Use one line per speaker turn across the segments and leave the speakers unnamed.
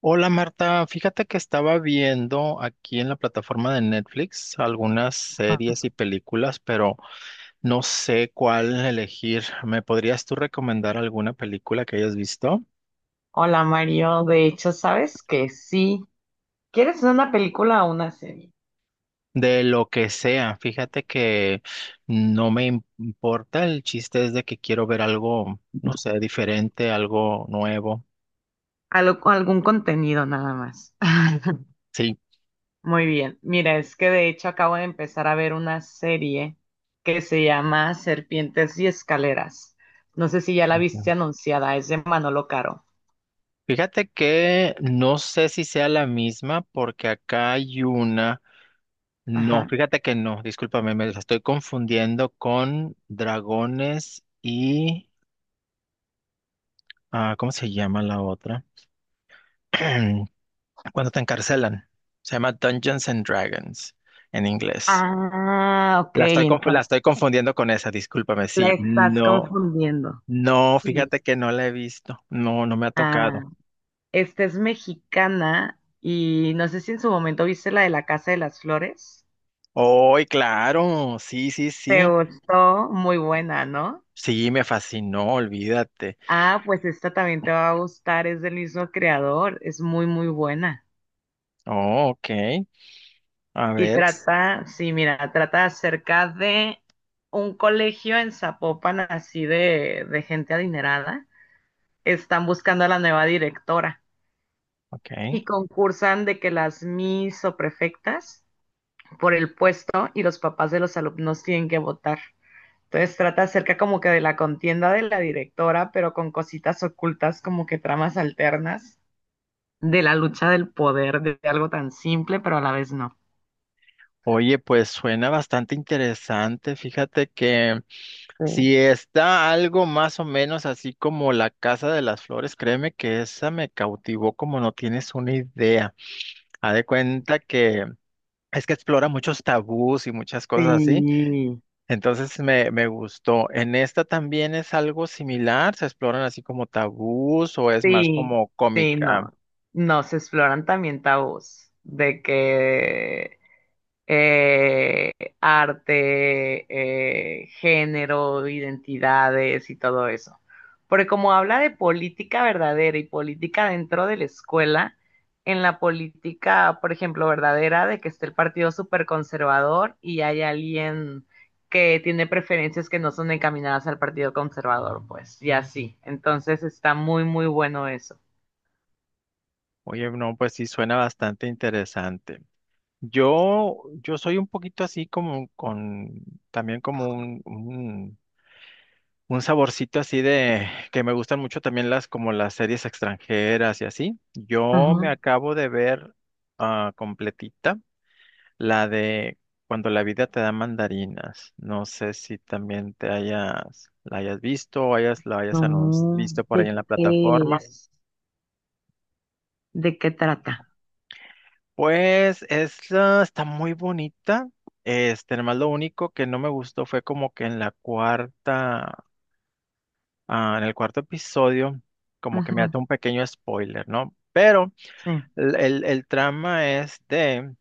Hola Marta, fíjate que estaba viendo aquí en la plataforma de Netflix algunas series y películas, pero no sé cuál elegir. ¿Me podrías tú recomendar alguna película que hayas visto?
Hola Mario, de hecho, ¿sabes que sí? ¿Quieres una película o una serie?
De lo que sea, fíjate que no me importa, el chiste es de que quiero ver algo, no sé, diferente, algo nuevo.
Algún contenido nada más.
Sí.
Muy bien, mira, es que de hecho acabo de empezar a ver una serie que se llama Serpientes y Escaleras. No sé si ya la viste anunciada, es de Manolo Caro.
Fíjate que no sé si sea la misma porque acá hay una. No,
Ajá.
fíjate que no, discúlpame, me las estoy confundiendo con dragones y... ¿cómo se llama la otra? Cuando te encarcelan. Se llama Dungeons and Dragons en inglés.
Ah, ok,
La
entonces
estoy confundiendo con esa, discúlpame,
la
sí.
estás
No,
confundiendo.
no,
Sí.
fíjate que no la he visto. No, no me ha
Ah.
tocado.
Esta es mexicana y no sé si en su momento viste la de la Casa de las Flores.
¡Ay, claro! Sí, sí,
Te
sí.
gustó, muy buena, ¿no?
Sí, me fascinó, olvídate.
Ah, pues esta también te va a gustar, es del mismo creador, es muy, muy buena.
Oh, ok. A
Y
ver, s-
trata, sí, mira, trata acerca de un colegio en Zapopan, así de gente adinerada. Están buscando a la nueva directora
ok.
y concursan de que las mis o prefectas por el puesto y los papás de los alumnos tienen que votar. Entonces trata acerca como que de la contienda de la directora, pero con cositas ocultas como que tramas alternas de la lucha del poder, de algo tan simple, pero a la vez no.
Oye, pues suena bastante interesante. Fíjate que si
Sí.
está algo más o menos así como La Casa de las Flores, créeme que esa me cautivó como no tienes una idea. Haz de cuenta que es que explora muchos tabús y muchas cosas así.
Sí,
Entonces me gustó. En esta también es algo similar. Se exploran así como tabús o es más
sí,
como
sí,
cómica.
no. No, se exploran también tabús de que eh, arte, género, identidades y todo eso. Porque como habla de política verdadera y política dentro de la escuela, en la política, por ejemplo, verdadera, de que esté el partido súper conservador y hay alguien que tiene preferencias que no son encaminadas al partido conservador, pues, y así. Entonces está muy, muy bueno eso.
Oye, no, pues sí suena bastante interesante. Yo soy un poquito así como también como un saborcito así de, que me gustan mucho también como las series extranjeras y así. Yo me
Ajá.
acabo de ver completita la de Cuando la vida te da mandarinas. No sé si también te hayas, la hayas visto o hayas, la hayas
No,
visto por ahí
¿de
en la
qué
plataforma.
es? ¿De qué trata?
Pues esta está muy bonita. Este, nomás lo único que no me gustó fue como que en la cuarta, en el cuarto episodio, como que me
Ujú,
hace un pequeño spoiler, ¿no? Pero
sí.
el trama es de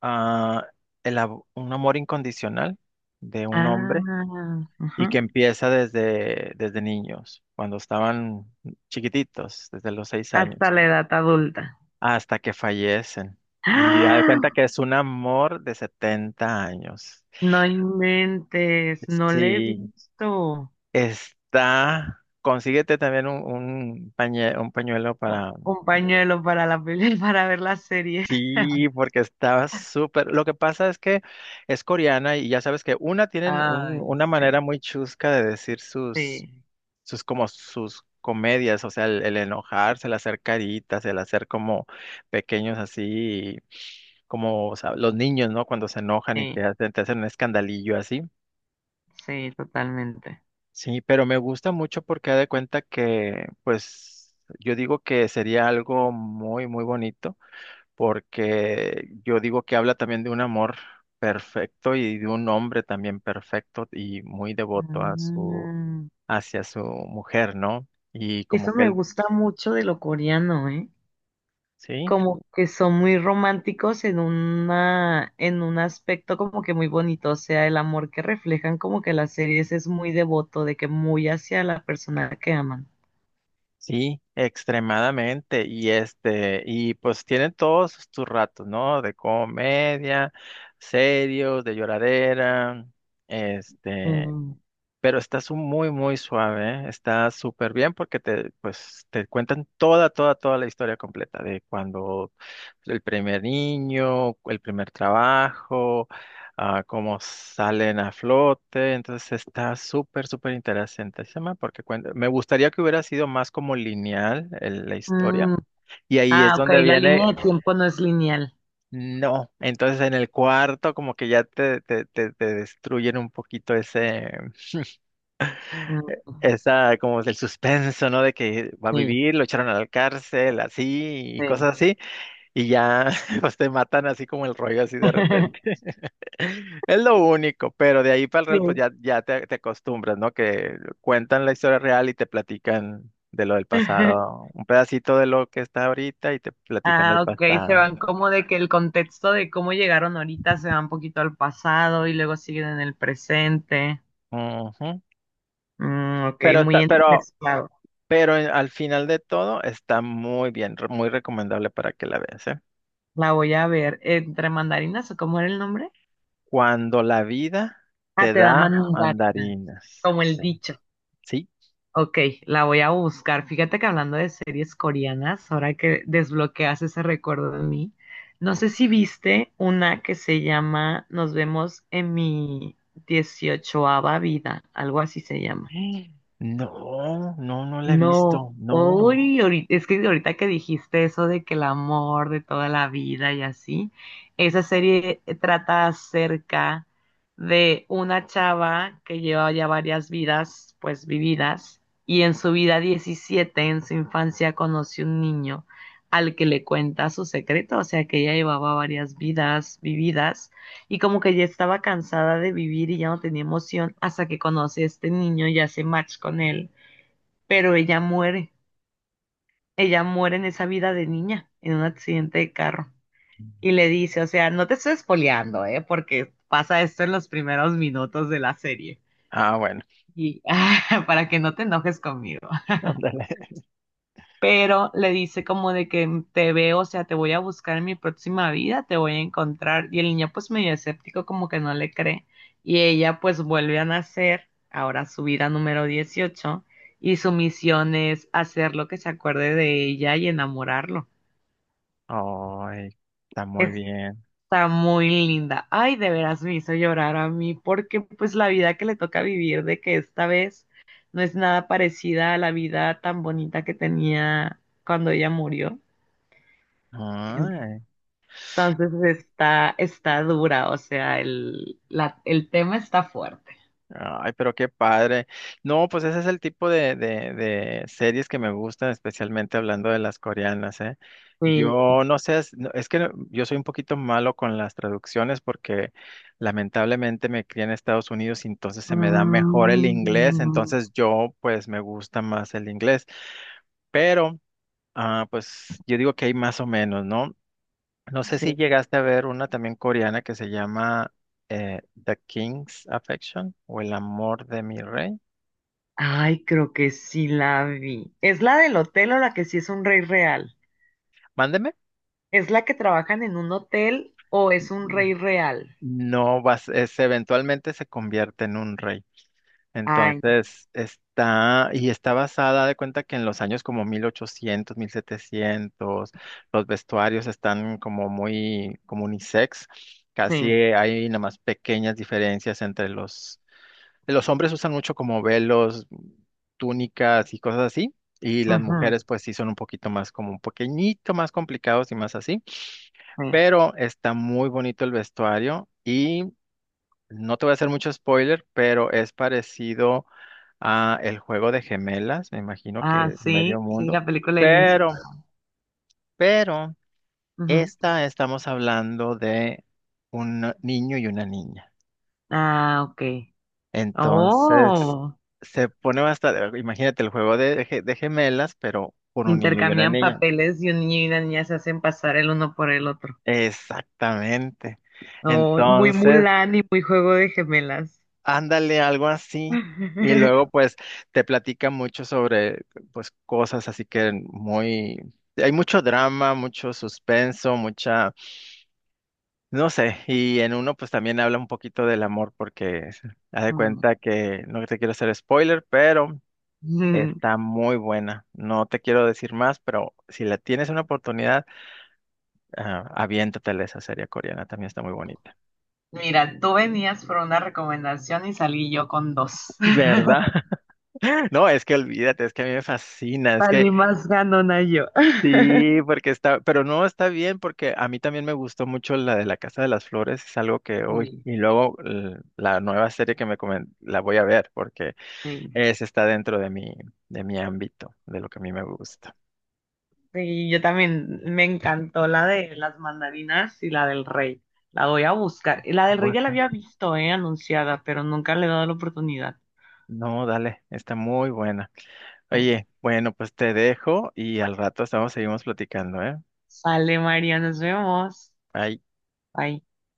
ah, un amor incondicional de un
Ah,
hombre y
ajá.
que empieza desde niños, cuando estaban chiquititos, desde los seis
Hasta
años.
la edad adulta.
hasta que fallecen. Y da de
¡Ah!
cuenta que es un amor de 70 años.
No inventes, no le he
Sí,
visto.
está. Consíguete también un pañuelo para.
Un pañuelo para la peli, para ver la serie.
Sí, porque está súper. Lo que pasa es que es coreana y ya sabes que una tienen
Ay,
una manera
sí,
muy chusca de decir sus
sí,
como sus comedias, o sea, el enojarse, el hacer caritas, el hacer como pequeños así, como o sea, los niños, ¿no? Cuando se enojan y
sí,
te hacen un escandalillo así.
sí, totalmente.
Sí, pero me gusta mucho porque da de cuenta que, pues, yo digo que sería algo muy, muy bonito, porque yo digo que habla también de un amor perfecto y de un hombre también perfecto y muy devoto a su,
Mm,
hacia su mujer, ¿no? Y como
Eso
que
me
él,
gusta mucho de lo coreano, ¿eh?
sí.
Como que son muy románticos en una, en un aspecto como que muy bonito, o sea, el amor que reflejan como que las series es muy devoto, de que muy hacia la persona que aman.
Sí, extremadamente. Y este, y pues tienen todos sus ratos, ¿no? De comedia, serios, de lloradera, este,
Mm,
pero estás muy, muy suave, ¿eh? Está súper bien porque te, pues, te cuentan toda, toda, toda la historia completa de cuando el primer niño, el primer trabajo, cómo salen a flote. Entonces está súper, súper interesante ese tema porque me gustaría que hubiera sido más como lineal la historia.
mm,
Y ahí es
Ah, ok,
donde
la línea
viene,
de tiempo no es lineal.
no. Entonces en el cuarto como que ya te destruyen un poquito ese...
Mm,
esa, como el suspenso, ¿no? De que va a
sí,
vivir, lo echaron a la cárcel, así, y
sí.
cosas así, y ya, pues te matan así como el rollo, así de repente. Es lo único, pero de ahí para el real, pues
Sí.
ya, te acostumbras, ¿no? Que cuentan la historia real y te platican de lo del pasado, un pedacito de lo que está ahorita y te platican del
Ah, ok, se
pasado.
van como de que el contexto de cómo llegaron ahorita se va un poquito al pasado y luego siguen en el presente.
Ujú.
Ok,
Pero
muy
está,
entremezclado.
pero al final de todo está muy bien, muy recomendable para que la veas, ¿eh?
La voy a ver. ¿Entre mandarinas o cómo era el nombre?
Cuando la vida
Ah,
te
te da
da
mandarinas,
mandarinas.
como el dicho.
¿Sí?
Ok, la voy a buscar. Fíjate que hablando de series coreanas, ahora que desbloqueas ese recuerdo de mí, no sé si viste una que se llama Nos vemos en mi 18.ª vida, algo así se llama.
No, no la he
No,
visto. No.
hoy, es que ahorita que dijiste eso de que el amor de toda la vida y así, esa serie trata acerca de una chava que lleva ya varias vidas, pues vividas, y en su vida 17 en su infancia, conoce un niño al que le cuenta su secreto, o sea que ella llevaba varias vidas vividas y como que ya estaba cansada de vivir y ya no tenía emoción hasta que conoce a este niño y hace match con él pero ella muere en esa vida de niña, en un accidente de carro. Y le dice, o sea, no te estoy espoleando, ¿eh? Porque pasa esto en los primeros minutos de la serie.
Ah, bueno.
Y para que no te enojes conmigo.
Ándale.
Pero le dice como de que "Mm, te veo, o sea, te voy a buscar en mi próxima vida, te voy a encontrar." Y el niño pues medio escéptico como que no le cree. Y ella pues vuelve a nacer, ahora su vida número 18 y su misión es hacer lo que se acuerde de ella y enamorarlo.
Ay, está muy
Está
bien.
muy linda. Ay, de veras me hizo llorar a mí porque pues la vida que le toca vivir de que esta vez no es nada parecida a la vida tan bonita que tenía cuando ella murió.
Ay.
Entonces está, está dura, o sea, el tema está fuerte.
Ay, pero qué padre. No, pues ese es el tipo de series que me gustan, especialmente hablando de las coreanas, ¿eh?
Sí.
Yo no sé, es, no, es que no- yo soy un poquito malo con las traducciones porque lamentablemente me crié en Estados Unidos y entonces se me da mejor el inglés,
Mm,
entonces yo pues me gusta más el inglés, pero pues yo digo que hay más o menos, ¿no? No sé si
sí.
llegaste a ver una también coreana que se llama The King's Affection o El amor de mi rey.
Ay, creo que sí la vi. ¿Es la del hotel o la que sí es un rey real?
Mándeme.
¿Es la que trabajan en un hotel o es un rey real?
No vas, eventualmente se convierte en un rey.
Ay,
Entonces está, y está basada de cuenta que en los años como 1800, 1700, los vestuarios están como muy, como unisex. Casi
sí.
hay nada más pequeñas diferencias entre los hombres usan mucho como velos, túnicas y cosas así. Y las
Ujú,
mujeres pues sí son un poquito más como un pequeñito más complicados y más así.
sí.
Pero está muy bonito el vestuario y no te voy a hacer mucho spoiler, pero es parecido a el juego de gemelas, me imagino
Ah,
que
sí,
medio
sí,
mundo,
la película de Lindsay.
pero, pero,
Ujú.
esta estamos hablando de un niño y una niña.
Ah, ok.
Entonces,
Oh,
se pone bastante, imagínate el juego de, de gemelas, pero con un niño y una
intercambian
niña.
papeles y un niño y una niña se hacen pasar el uno por el otro.
Exactamente.
Oh, muy
Entonces,
Mulan y muy Juego de Gemelas.
ándale, algo así. Y luego, pues, te platica mucho sobre, pues, cosas así que muy... Hay mucho drama, mucho suspenso, mucha... No sé, y en uno, pues, también habla un poquito del amor porque haz de
Mm.
cuenta que no te quiero hacer spoiler, pero está muy buena. No te quiero decir más, pero si la tienes una oportunidad, aviéntatela esa serie coreana, también está muy bonita.
Mira, tú venías por una recomendación y salí yo con dos.
¿Verdad? No, es que olvídate, es que a mí me fascina, es que...
Salí más ganona yo.
Sí, porque está, pero no está bien porque a mí también me gustó mucho la de la Casa de las Flores, es algo que hoy,
Sí,
y luego la nueva serie que me la voy a ver porque
sí.
esa está dentro de mi ámbito, de lo que a mí me gusta.
Sí, yo también me encantó la de las mandarinas y la del rey. La voy a buscar. La del rey ya la
¿Bueno?
había visto, anunciada, pero nunca le he dado la oportunidad.
No, dale, está muy buena.
Sí.
Oye, bueno, pues te dejo y al rato estamos, seguimos platicando, ¿eh?
Sale, María, nos vemos.
Bye.
Bye.